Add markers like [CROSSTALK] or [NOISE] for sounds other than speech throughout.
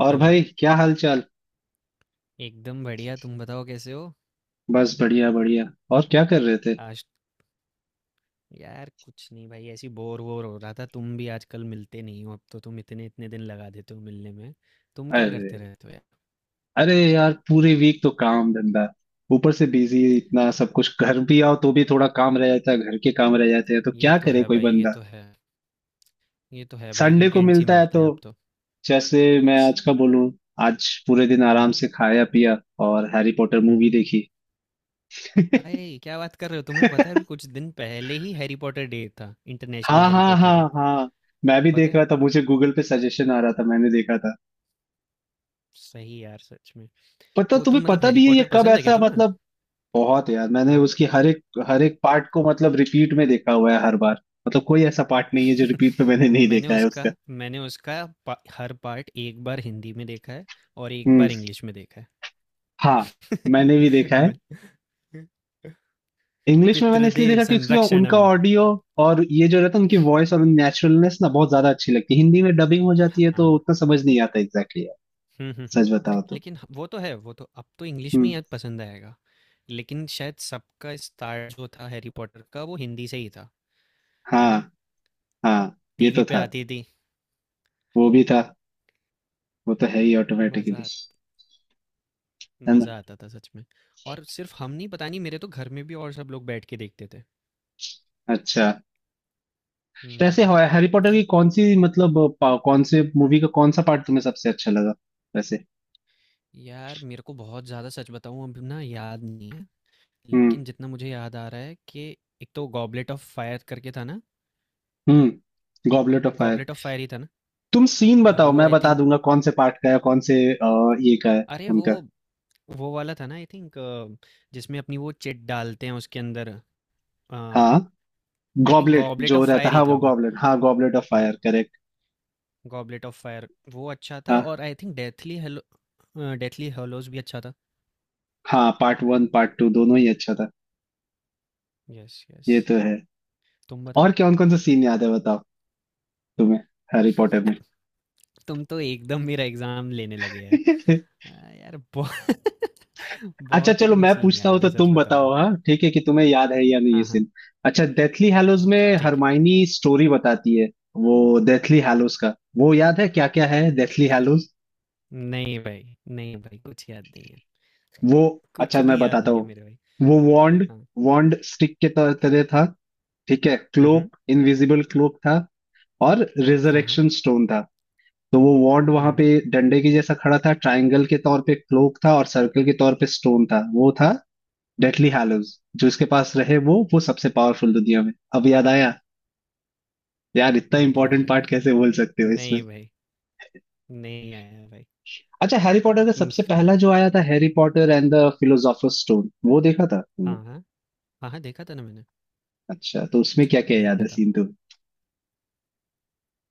और हेलो। भाई, क्या हाल चाल। एकदम बढ़िया, तुम बताओ कैसे हो। बस, बढ़िया बढ़िया। और क्या कर रहे थे। आज? यार कुछ नहीं भाई, ऐसी बोर वोर हो रहा था। तुम भी आजकल मिलते नहीं हो, अब तो तुम इतने इतने दिन लगा देते हो मिलने में। तुम क्या करते अरे, रहते हो यार। अरे यार, पूरे वीक तो काम धंधा। ऊपर से बिजी, इतना सब कुछ। घर भी आओ तो भी थोड़ा काम रह जाता है, घर के काम रह जाते हैं, तो ये क्या तो करे है कोई भाई ये बंदा। तो है। ये तो है भाई, संडे को वीकेंड्स ही मिलता है मिलते तो, हैं आप तो। जैसे मैं प्स, आज का बोलूं, आज पूरे दिन आराम हम्म। से खाया पिया और हैरी पॉटर मूवी हम्म। देखी। [LAUGHS] भाई क्या बात कर रहे हो! तुम्हें पता है अभी कुछ दिन पहले ही हैरी पॉटर डे था, इंटरनेशनल हाँ हैरी हाँ पॉटर हाँ डे। हाँ, मैं भी पता देख है। रहा था, मुझे गूगल पे सजेशन आ रहा था, मैंने देखा था। सही यार, सच में। पता तो तुम्हें तुम मतलब पता हैरी भी है ये पॉटर कब, पसंद है क्या ऐसा तुम्हें? मतलब। बहुत यार, मैंने हाँ। उसकी हर एक पार्ट को, मतलब, रिपीट में देखा हुआ है हर बार। मतलब, कोई ऐसा पार्ट नहीं है जो रिपीट पे मैंने नहीं मैंने देखा है उसका उसका। मैंने उसका हर पार्ट एक बार हिंदी में देखा है। और एक हम्म। बार इंग्लिश में देखा है। हाँ, मैंने भी [LAUGHS] देखा है। मैं- इंग्लिश में मैंने इसलिए पितृदेव देखा कि उसमें उनका संरक्षणम। ऑडियो और ये जो रहता है, उनकी वॉइस और नेचुरलनेस ना बहुत ज्यादा अच्छी लगती है। हिंदी में डबिंग हो जाती है तो हाँ। उतना समझ नहीं आता एग्जैक्टली यार, हम्म, हम्म, हम्म। सच बताओ तो। लेकिन वो तो है, वो तो अब तो इंग्लिश में हम्म। ही पसंद आएगा। लेकिन शायद सबका स्टार्ट जो था हैरी पॉटर का, वो हिंदी से ही था। है ना? हाँ हाँ, ये टीवी तो पे था। आती थी। वो भी था, वो तो है ही ऑटोमेटिकली, मज़ा है ना। मज़ा आता था सच में। और सिर्फ हम नहीं, पता नहीं, मेरे तो घर में भी और सब लोग बैठ के देखते थे। अच्छा, वैसे हम्म। हैरी पॉटर की कौन सी, मतलब, कौन से मूवी का कौन सा पार्ट तुम्हें सबसे अच्छा लगा वैसे। यार मेरे को बहुत ज़्यादा, सच बताऊँ अभी ना याद नहीं है। हम्म। लेकिन जितना मुझे याद आ रहा है कि एक तो गॉबलेट ऑफ फायर करके था ना। हम्म, goblet of fire. Goblet of fire ही था ना? तुम सीन बताओ, वो मैं आई बता थिंक, दूंगा कौन से पार्ट का है, कौन से ये का है अरे वो उनका। वो वाला था ना आई थिंक, जिसमें अपनी वो चिट डालते हैं उसके अंदर। हाँ, आई थिंक गॉबलेट गॉबलेट जो ऑफ रहता फायर है, ही हाँ वो था वो। गॉबलेट, हाँ गॉबलेट ऑफ हाँ। Fire, correct. Goblet of fire वो अच्छा था। हाँ और आई थिंक डेथली हेलोस भी अच्छा था। हाँ, पार्ट वन पार्ट टू दोनों ही अच्छा था। Yes yes. ये तो है। तुम बताओ। और कौन कौन सा सीन याद है बताओ, तुम्हें, हैरी पॉटर में। तुम तो एकदम मेरा एग्ज़ाम लेने लगे यार। [LAUGHS] हाँ, यार बहु [LAUGHS] अच्छा बहुत ही चलो, कम मैं सीन पूछता हूँ याद तो है सच तुम बताऊँ तो। बताओ, हाँ ठीक है, कि तुम्हें याद है या नहीं ये हाँ, हाँ, सीन। अच्छा, डेथली हैलोज में ठीक है। हरमाइनी स्टोरी बताती है वो, डेथली हैलोज का वो याद है, क्या क्या है डेथली हैलोज, नहीं भाई, नहीं भाई कुछ याद नहीं है। वो, कुछ अच्छा, मैं भी याद बताता नहीं है हूँ। मेरे भाई। वो वॉन्ड हाँ। वॉन्ड स्टिक के तरह था, ठीक है। हुँ, हुँ। क्लोक, इनविजिबल क्लोक था, और हाँ, हाँ। रिजरेक्शन स्टोन था। तो वो वॉन्ड वहां पे हुँ। डंडे के जैसा खड़ा था, ट्रायंगल के तौर पे क्लोक था, और सर्कल के तौर पे स्टोन था। वो था डेथली हैलोज। जो इसके पास रहे, वो सबसे पावरफुल दुनिया में, अब याद आया। यार, इतना नहीं इंपॉर्टेंट भाई, पार्ट कैसे बोल सकते हो इसमें। नहीं भाई, नहीं आया भाई। अच्छा, हैरी पॉटर का हुँ। सबसे पहला जो आया था Harry Potter and the philosopher's stone, वो देखा था तुमने। हाँ, हाँ। हाँ, हाँ, देखा था ना मैंने, अच्छा, तो उसमें क्या क्या याद देखा है था। सीन तो।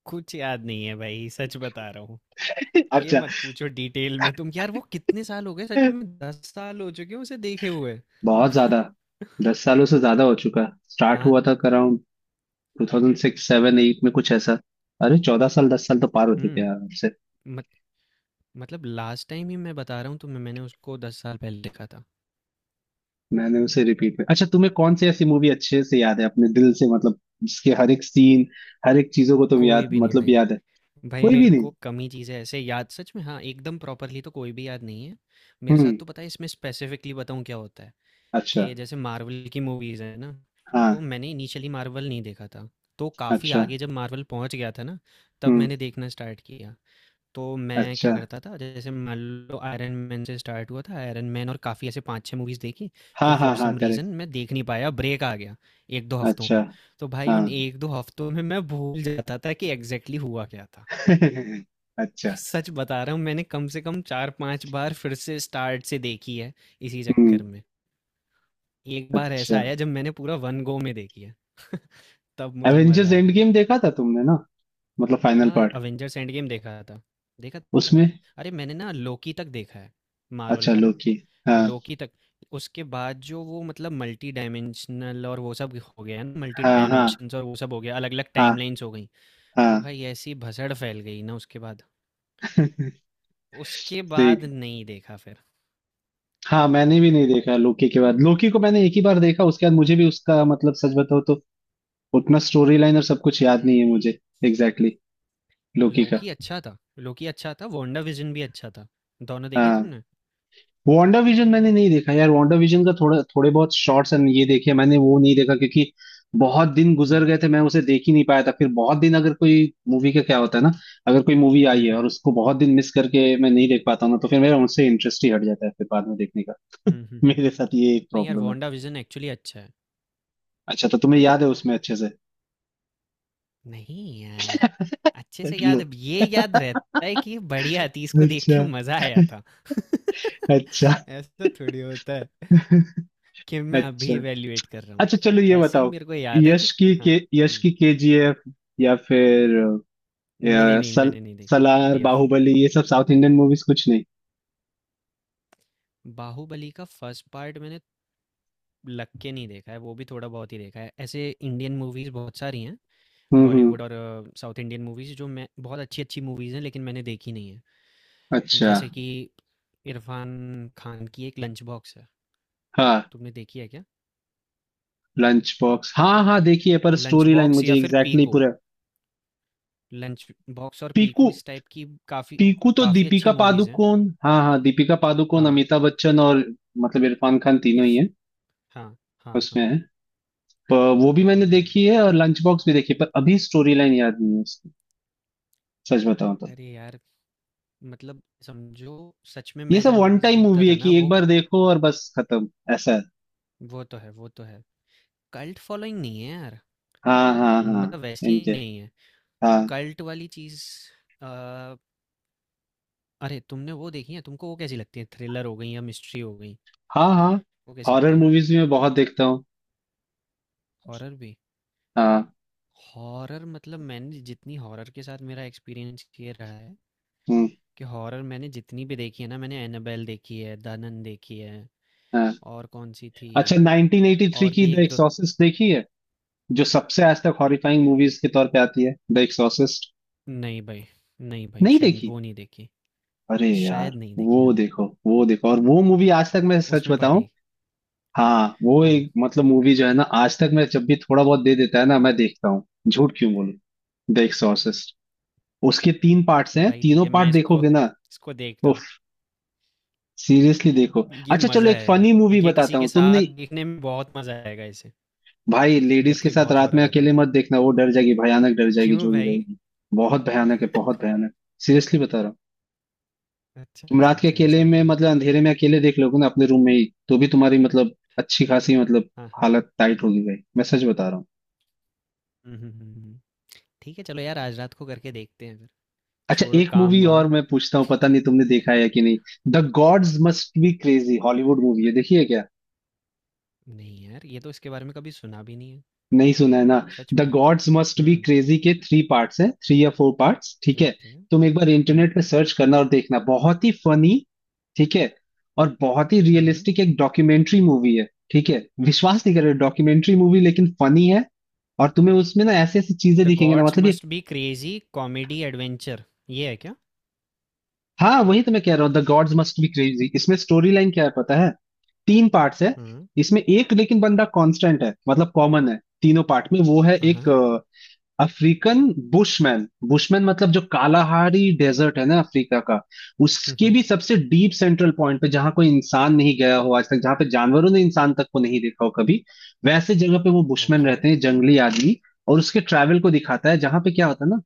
कुछ याद नहीं है भाई, सच बता रहा हूँ। [LAUGHS] ये अच्छा, मत पूछो डिटेल में तुम यार, वो कितने साल हो गए सच में, 10 साल हो चुके हैं उसे देखे हुए। बहुत ज्यादा, 10 सालों से ज्यादा हो चुका। स्टार्ट हाँ। हुआ था around two thousand six seven eight में, कुछ ऐसा। अरे 14 साल, 10 साल तो पार हो चुके हैं हुँ। यार। मत मतलब लास्ट टाइम ही मैं बता रहा हूँ तुम्हें, मैंने उसको 10 साल पहले देखा था। मैंने उसे रिपीट में। अच्छा, तुम्हें कौन सी ऐसी मूवी अच्छे से याद है अपने दिल से, मतलब, जिसके हर एक सीन, हर एक चीजों को तुम कोई याद, भी नहीं मतलब, भाई। याद है। भाई कोई मेरे भी नहीं। को कम ही चीज़ें ऐसे याद, सच में हाँ एकदम प्रॉपरली तो कोई भी याद नहीं है। मेरे साथ हम्म। तो पता है इसमें स्पेसिफिकली बताऊँ क्या होता है अच्छा। कि जैसे मार्वल की मूवीज़ है ना। हाँ। तो मैंने इनिशियली मार्वल नहीं देखा था, तो काफ़ी अच्छा। आगे जब मार्वल पहुंच गया था ना, तब हम्म। मैंने देखना स्टार्ट किया। तो मैं अच्छा। क्या करता था, जैसे मान लो आयरन मैन से स्टार्ट हुआ था आयरन मैन, और काफ़ी ऐसे 5-6 मूवीज़ देखी। फिर हाँ हाँ फॉर हाँ, सम रीज़न करेक्ट। मैं देख नहीं पाया, ब्रेक आ गया 1-2 हफ्तों अच्छा। का। तो भाई हाँ। उन 1-2 हफ्तों में मैं भूल जाता था कि एग्जैक्टली हुआ क्या था। [LAUGHS] अच्छा। [LAUGHS] सच बता रहा हूँ, मैंने कम से कम 4-5 बार फिर से स्टार्ट से देखी है इसी हम्म। चक्कर में। एक बार ऐसा अच्छा, आया जब मैंने पूरा वन गो में देखी है। [LAUGHS] तब मुझे मज़ा एवेंजर्स एंड आया। गेम देखा था तुमने ना, मतलब फाइनल हाँ पार्ट, अवेंजर्स एंड गेम देखा था, देखा देखा था। उसमें। अरे मैंने ना लोकी तक देखा है, मार्वल अच्छा, का ना, लोकी। हाँ लोकी तक। उसके बाद जो वो मतलब मल्टी डायमेंशनल और वो सब हो गया ना, मल्टी हाँ हाँ डायमेंशंस और वो सब हो गया, अलग अलग हाँ टाइमलाइंस हो गई। वो हाँ। भाई ऐसी भसड़ फैल गई ना उसके बाद, [LAUGHS] उसके बाद ठीक। नहीं देखा फिर। हाँ, मैंने भी नहीं देखा लोकी के बाद। लोकी को मैंने एक ही बार देखा, उसके बाद मुझे भी उसका, मतलब, सच बताओ तो उतना स्टोरी लाइन और सब कुछ याद नहीं है मुझे। एग्जैक्टली exactly, लोकी का। लोकी अच्छा था। लोकी अच्छा था, वांडा विजन भी अच्छा था। दोनों देखे हाँ। तुमने? वांडा विजन मैंने नहीं देखा यार। वांडा विजन का थोड़ा, थोड़े बहुत शॉर्ट्स एंड ये देखे मैंने। वो नहीं देखा क्योंकि बहुत दिन गुजर हम्म, गए थे, मैं उसे देख ही नहीं पाया था। फिर बहुत दिन, अगर कोई मूवी का क्या होता है ना, अगर कोई मूवी हम्म, आई है हम्म, और उसको बहुत दिन मिस करके मैं नहीं देख पाता हूँ ना, तो फिर मेरा उनसे इंटरेस्ट ही हट जाता है फिर बाद में देखने का। हम्म, हम्म, मेरे साथ ये एक नहीं यार प्रॉब्लम है। वांडा विजन एक्चुअली अच्छा है। अच्छा, तो तुम्हें याद है उसमें अच्छे से। नहीं यार, अच्छे से लो। याद ये याद रहता है कि ये बढ़िया थी, इसको देख अच्छा। के मजा आया था। अच्छा। [LAUGHS] ऐसा थोड़ी होता है कि मैं अच्छा। अभी इवैल्यूएट कर रहा हूँ। अच्छा चलो, ये ऐसे ही बताओ, मेरे को याद है कि यश की हाँ। के, यश हुँ। की केजीएफ, या फिर, नहीं, या नहीं, नहीं मैंने नहीं देखी सलार, केजीएफ। बाहुबली, ये सब साउथ इंडियन मूवीज, कुछ नहीं। बाहुबली का फर्स्ट पार्ट मैंने लग के नहीं देखा है, वो भी थोड़ा बहुत ही देखा है। ऐसे इंडियन मूवीज़ बहुत सारी हैं, हम्म। बॉलीवुड और साउथ इंडियन मूवीज़ जो मैं, बहुत अच्छी-अच्छी मूवीज़ हैं लेकिन मैंने देखी नहीं है। अच्छा। जैसे कि इरफान खान की एक लंच बॉक्स है, हाँ, तुमने देखी है क्या? लंच बॉक्स, हाँ उ हाँ, देखिए, पर लंच स्टोरी लाइन बॉक्स मुझे या फिर एग्जैक्टली exactly पीकू। पूरा। लंच बॉक्स और पीकू। पीकू इस टाइप की काफ़ी पीकू तो काफ़ी अच्छी दीपिका मूवीज़ हैं। पादुकोण, हाँ हाँ, दीपिका पादुकोण, हाँ, अमिताभ बच्चन और, मतलब, इरफान खान तीनों ही इरफ है, हाँ, हाँ, उसमें हाँ। है। प- वो भी मैंने हुँ। देखी है और लंच बॉक्स भी देखी है, पर अभी स्टोरी लाइन याद नहीं है उसकी, सच बताऊं तो। अरे यार! मतलब समझो, सच में ये मैं सब जब वन मूवीज़ टाइम देखता मूवी है, था ना कि एक वो बार देखो और बस खत्म, ऐसा है। वो तो है, वो तो है। कल्ट फॉलोइंग नहीं है यार, हाँ हाँ हाँ। मतलब वैसी इनके। नहीं है। हाँ कल्ट वाली चीज़। अ, अरे तुमने वो देखी है? तुमको वो कैसी लगती है? थ्रिलर हो गई या मिस्ट्री हो गई, हाँ हाँ। वो कैसी हॉरर लगती हैं? मूवीज भी मैं बहुत देखता हूँ। हॉरर भी? हाँ। हॉरर मतलब मैंने जितनी, हॉरर के साथ मेरा एक्सपीरियंस ये रहा है हम्म। कि हॉरर मैंने जितनी भी देखी है ना, मैंने एनाबेल देखी है, दनन देखी है, हाँ। और कौन-सी थी, अच्छा, 1983 और की भी द 1-2। एक्सॉर्सिस्ट देखी है, जो सबसे आज तक हॉरिफाइंग मूवीज के तौर पे आती है, द एक्सॉर्सिस्ट। नहीं भाई, नहीं भाई नहीं शायद देखी। वो नहीं देखी। अरे यार, शायद नहीं देखी, वो हाँ। देखो वो देखो, और वो मूवी आज तक, मैं सच उसमें बताऊं, फटेगी। हाँ, वो हाँ। एक, मतलब, मूवी जो है ना, आज तक मैं जब भी थोड़ा बहुत दे देता है ना मैं देखता हूँ, झूठ क्यों बोलूं, द एक्सॉर्सिस्ट। उसके 3 पार्ट्स हैं, भाई ठीक तीनों है मैं पार्ट इसको देखोगे ना। इसको देखता हूँ। उफ, सीरियसली देखो। ये अच्छा मज़ा चलो, एक आएगा, फनी मूवी ये बताता किसी के हूँ साथ तुमने। देखने में बहुत मज़ा आएगा इसे। भाई, अगर लेडीज के कोई साथ बहुत रात में हॉरर है तो? अकेले मत देखना, वो डर जाएगी, भयानक डर जाएगी क्यों जो भी भाई? रहेगी। बहुत भयानक है, बहुत भयानक, सीरियसली बता रहा हूँ। अच्छा तुम अच्छा रात के अच्छा, ऐसा अकेले है में, क्या? मतलब, अंधेरे में अकेले देख लोगे ना, अपने रूम में ही, तो भी तुम्हारी, मतलब, अच्छी खासी, मतलब, हाँ हाँ। हालत टाइट होगी भाई, मैं सच बता रहा हूँ। हम्म, हम्म, हम्म, हम्म। ठीक है चलो यार, आज रात को करके देखते हैं फिर। अच्छा, छोड़ो एक काम मूवी और वाम। मैं पूछता हूँ, पता नहीं तुमने देखा है कि नहीं, the gods must be crazy, Hollywood movie है, देखिए क्या। नहीं यार, ये तो इसके बारे में कभी सुना भी नहीं है। नहीं सुना है ना। सच द में। Gods must be hmm. Crazy के थ्री पार्ट्स हैं, थ्री या फोर पार्ट्स, ठीक है। ओके। तुम एक बार हम्म। इंटरनेट पे सर्च करना और देखना, बहुत ही फनी, ठीक है। और बहुत ही हम्म। रियलिस्टिक, एक डॉक्यूमेंट्री मूवी है, ठीक है, विश्वास नहीं कर रहे, डॉक्यूमेंट्री मूवी लेकिन फनी है। और तुम्हें उसमें ना ऐसी ऐसी चीजें द दिखेंगे ना, गॉड्स मतलब ये। Must be crazy comedy adventure, ये है क्या? हाँ, वही तो मैं कह रहा हूँ the gods must be crazy. इसमें स्टोरी लाइन क्या है पता है, 3 पार्ट्स है। हम्म। इसमें एक लेकिन बंदा कांस्टेंट है, मतलब कॉमन है, तीनों पार्ट में वो है, हाँ एक हाँ। African bushman. बुशमैन मतलब जो कालाहारी डेजर्ट है ना अफ्रीका का, हम्म, उसके हम्म। भी सबसे डीप सेंट्रल पॉइंट पे, जहां कोई इंसान नहीं गया हो आज तक, जहां पे जानवरों ने इंसान तक को नहीं देखा हो कभी, वैसे जगह पे वो बुशमैन ओके। रहते हैं, जंगली आदमी। और उसके ट्रैवल को दिखाता है, जहां पे क्या होता है ना,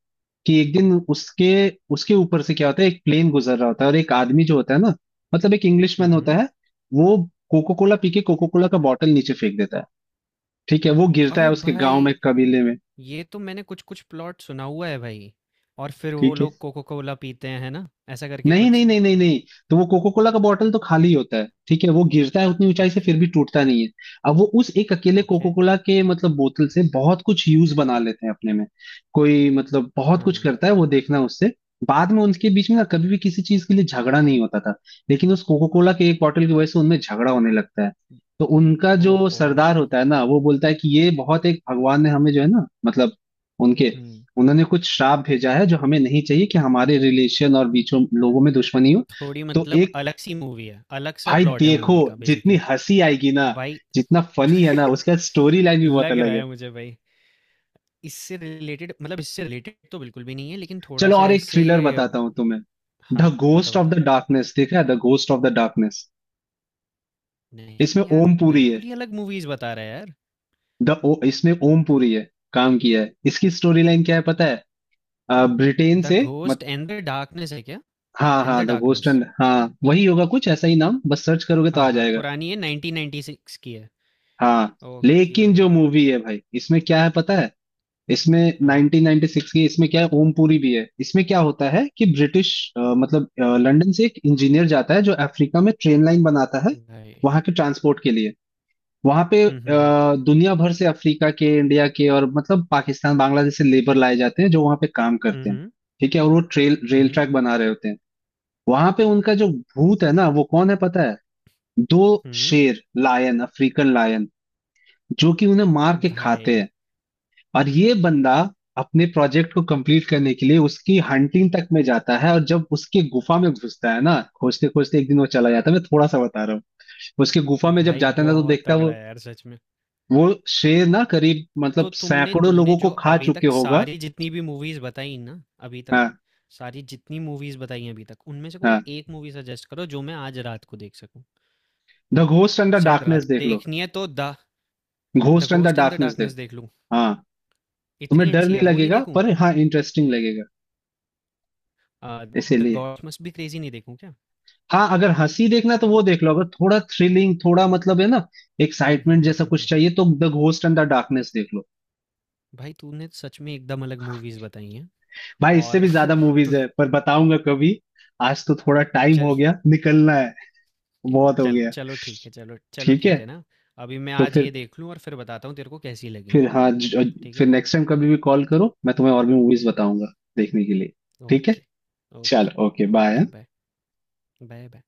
कि एक दिन उसके उसके ऊपर से क्या होता है, एक प्लेन गुजर रहा होता है, और एक आदमी जो होता है ना, मतलब एक हम्म, इंग्लिशमैन होता है, वो कोको कोला पी के कोको कोला का बॉटल नीचे फेंक देता है, ठीक है। वो गिरता अरे है उसके गांव में, भाई, कबीले में, ये तो मैंने कुछ कुछ प्लॉट सुना हुआ है भाई। और फिर वो ठीक है। लोग कोको कोला पीते हैं है ना, ऐसा करके नहीं नहीं कुछ? नहीं नहीं नहीं। तो वो कोको कोला का बॉटल तो खाली होता है, ठीक है, वो गिरता है उतनी ऊंचाई से, फिर ओके। भी टूटता नहीं है। अब वो उस एक अकेले कोको ओके। कोला के, मतलब, बोतल से बहुत कुछ यूज बना लेते हैं अपने में। कोई, मतलब, बहुत कुछ हाँ। करता है वो, देखना उससे। बाद में उनके बीच में ना कभी भी किसी चीज के लिए झगड़ा नहीं होता था, लेकिन उस कोको कोला के एक बॉटल की वजह से उनमें झगड़ा होने लगता है। तो उनका जो ओहो। सरदार होता है ना वो बोलता है कि ये बहुत, एक भगवान ने हमें जो है ना, मतलब, उनके, हम्म। उन्होंने कुछ श्राप भेजा है जो हमें नहीं चाहिए, कि हमारे रिलेशन और बीचों लोगों में दुश्मनी हो। थोड़ी तो मतलब एक, अलग सी मूवी है, अलग सा भाई प्लॉट है देखो मूवी का जितनी बेसिकली। हंसी आएगी ना, भाई जितना फनी है [LAUGHS] ना, उसका स्टोरी लाइन भी बहुत लग रहा अलग है। है मुझे भाई। इससे रिलेटेड, मतलब इससे रिलेटेड तो बिल्कुल भी नहीं है लेकिन थोड़ा चलो, सा और एक ऐसे। थ्रिलर बताता हूँ तुम्हें, द हाँ, बता, घोस्ट ऑफ बता। द डार्कनेस, देखा है the ghost of the darkness. इसमें नहीं यार, ओम तू पुरी बिल्कुल है, ही अलग मूवीज़ बता रहा है यार। इसमें ओम पुरी है, काम किया है। इसकी स्टोरी लाइन क्या है पता है, ब्रिटेन द से, मत घोस्ट एंड द डार्कनेस है क्या? हाँ इन द हाँ, द घोस्ट डार्कनेस। एंड, हाँ वही होगा, कुछ ऐसा ही नाम, बस सर्च करोगे तो हाँ, आ हाँ, जाएगा। पुरानी है, 1996 की है। हाँ, ओके। लेकिन जो मूवी है भाई, इसमें क्या है पता है, इसमें हाँ, 1996 की, इसमें क्या है, ओमपुरी भी है। इसमें क्या होता है कि ब्रिटिश, मतलब, लंदन से एक इंजीनियर जाता है जो अफ्रीका में ट्रेन लाइन बनाता है, भाई। वहां के ट्रांसपोर्ट के लिए। वहां पे हुँ, हुँ, हुँ। दुनिया भर से अफ्रीका के, इंडिया के, और मतलब पाकिस्तान, बांग्लादेश से लेबर लाए जाते हैं जो वहां पे काम हुँ, करते हैं, हुँ। ठीक है। और वो ट्रेल हुँ, रेल हुँ। ट्रैक बना रहे होते हैं। वहां पे उनका जो भूत है ना वो कौन है पता है, दो हुँ। शेर लायन, अफ्रीकन लायन, जो कि उन्हें मार के खाते भाई, हैं। और ये बंदा अपने प्रोजेक्ट को कंप्लीट करने के लिए उसकी हंटिंग तक में जाता है, और जब उसके गुफा में घुसता है ना, खोजते खोजते एक दिन वो चला जाता है, मैं थोड़ा सा बता रहा हूँ, उसके गुफा में जब भाई जाता है ना तो बहुत देखता है तगड़ा वो है यार सच में। वो शेर ना करीब, मतलब, तो तुमने सैकड़ों तुमने लोगों को जो खा अभी चुके तक होगा। सारी जितनी भी मूवीज़ बताई ना अभी तक, हाँ सारी जितनी मूवीज़ बताई हैं अभी तक, उनमें से कोई हाँ, एक मूवी सजेस्ट करो जो मैं आज रात को देख सकूँ। द घोस्ट अंडर शायद रात डार्कनेस को देख लो, देखनी है तो the the ghost and the ghost in the darkness देख। डार्कनेस देख लूँ। हाँ, तुम्हें इतनी डर अच्छी है नहीं वो, नहीं लगेगा, देखूँ? पर हाँ, इंटरेस्टिंग लगेगा, द इसीलिए। गॉड्स मस्ट बी क्रेजी नहीं देखूँ क्या? हाँ, अगर हंसी देखना है तो वो देख लो, अगर थोड़ा थ्रिलिंग, थोड़ा मतलब है ना, हम्म, हम्म, एक्साइटमेंट हम्म, जैसा हम्म, कुछ चाहिए तो the ghost and the darkness देख लो। भाई तूने तो सच में एकदम अलग मूवीज बताई हैं। भाई इससे और भी [LAUGHS] ज्यादा मूवीज तू, है, पर बताऊंगा कभी। आज तो थोड़ा टाइम चल हो गया, निकलना है, बहुत हो चल गया, चलो ठीक है, चलो चलो ठीक ठीक है। है ना। अभी मैं तो आज फिर ये देख लूँ और फिर बताता हूँ तेरे को कैसी लगी। फिर हाँ, ठीक फिर है। नेक्स्ट टाइम कभी भी कॉल करो, मैं तुम्हें और भी मूवीज बताऊंगा देखने के लिए, ठीक है। ओके। ओके। चलो, okay bye. Okay bye. Bye bye.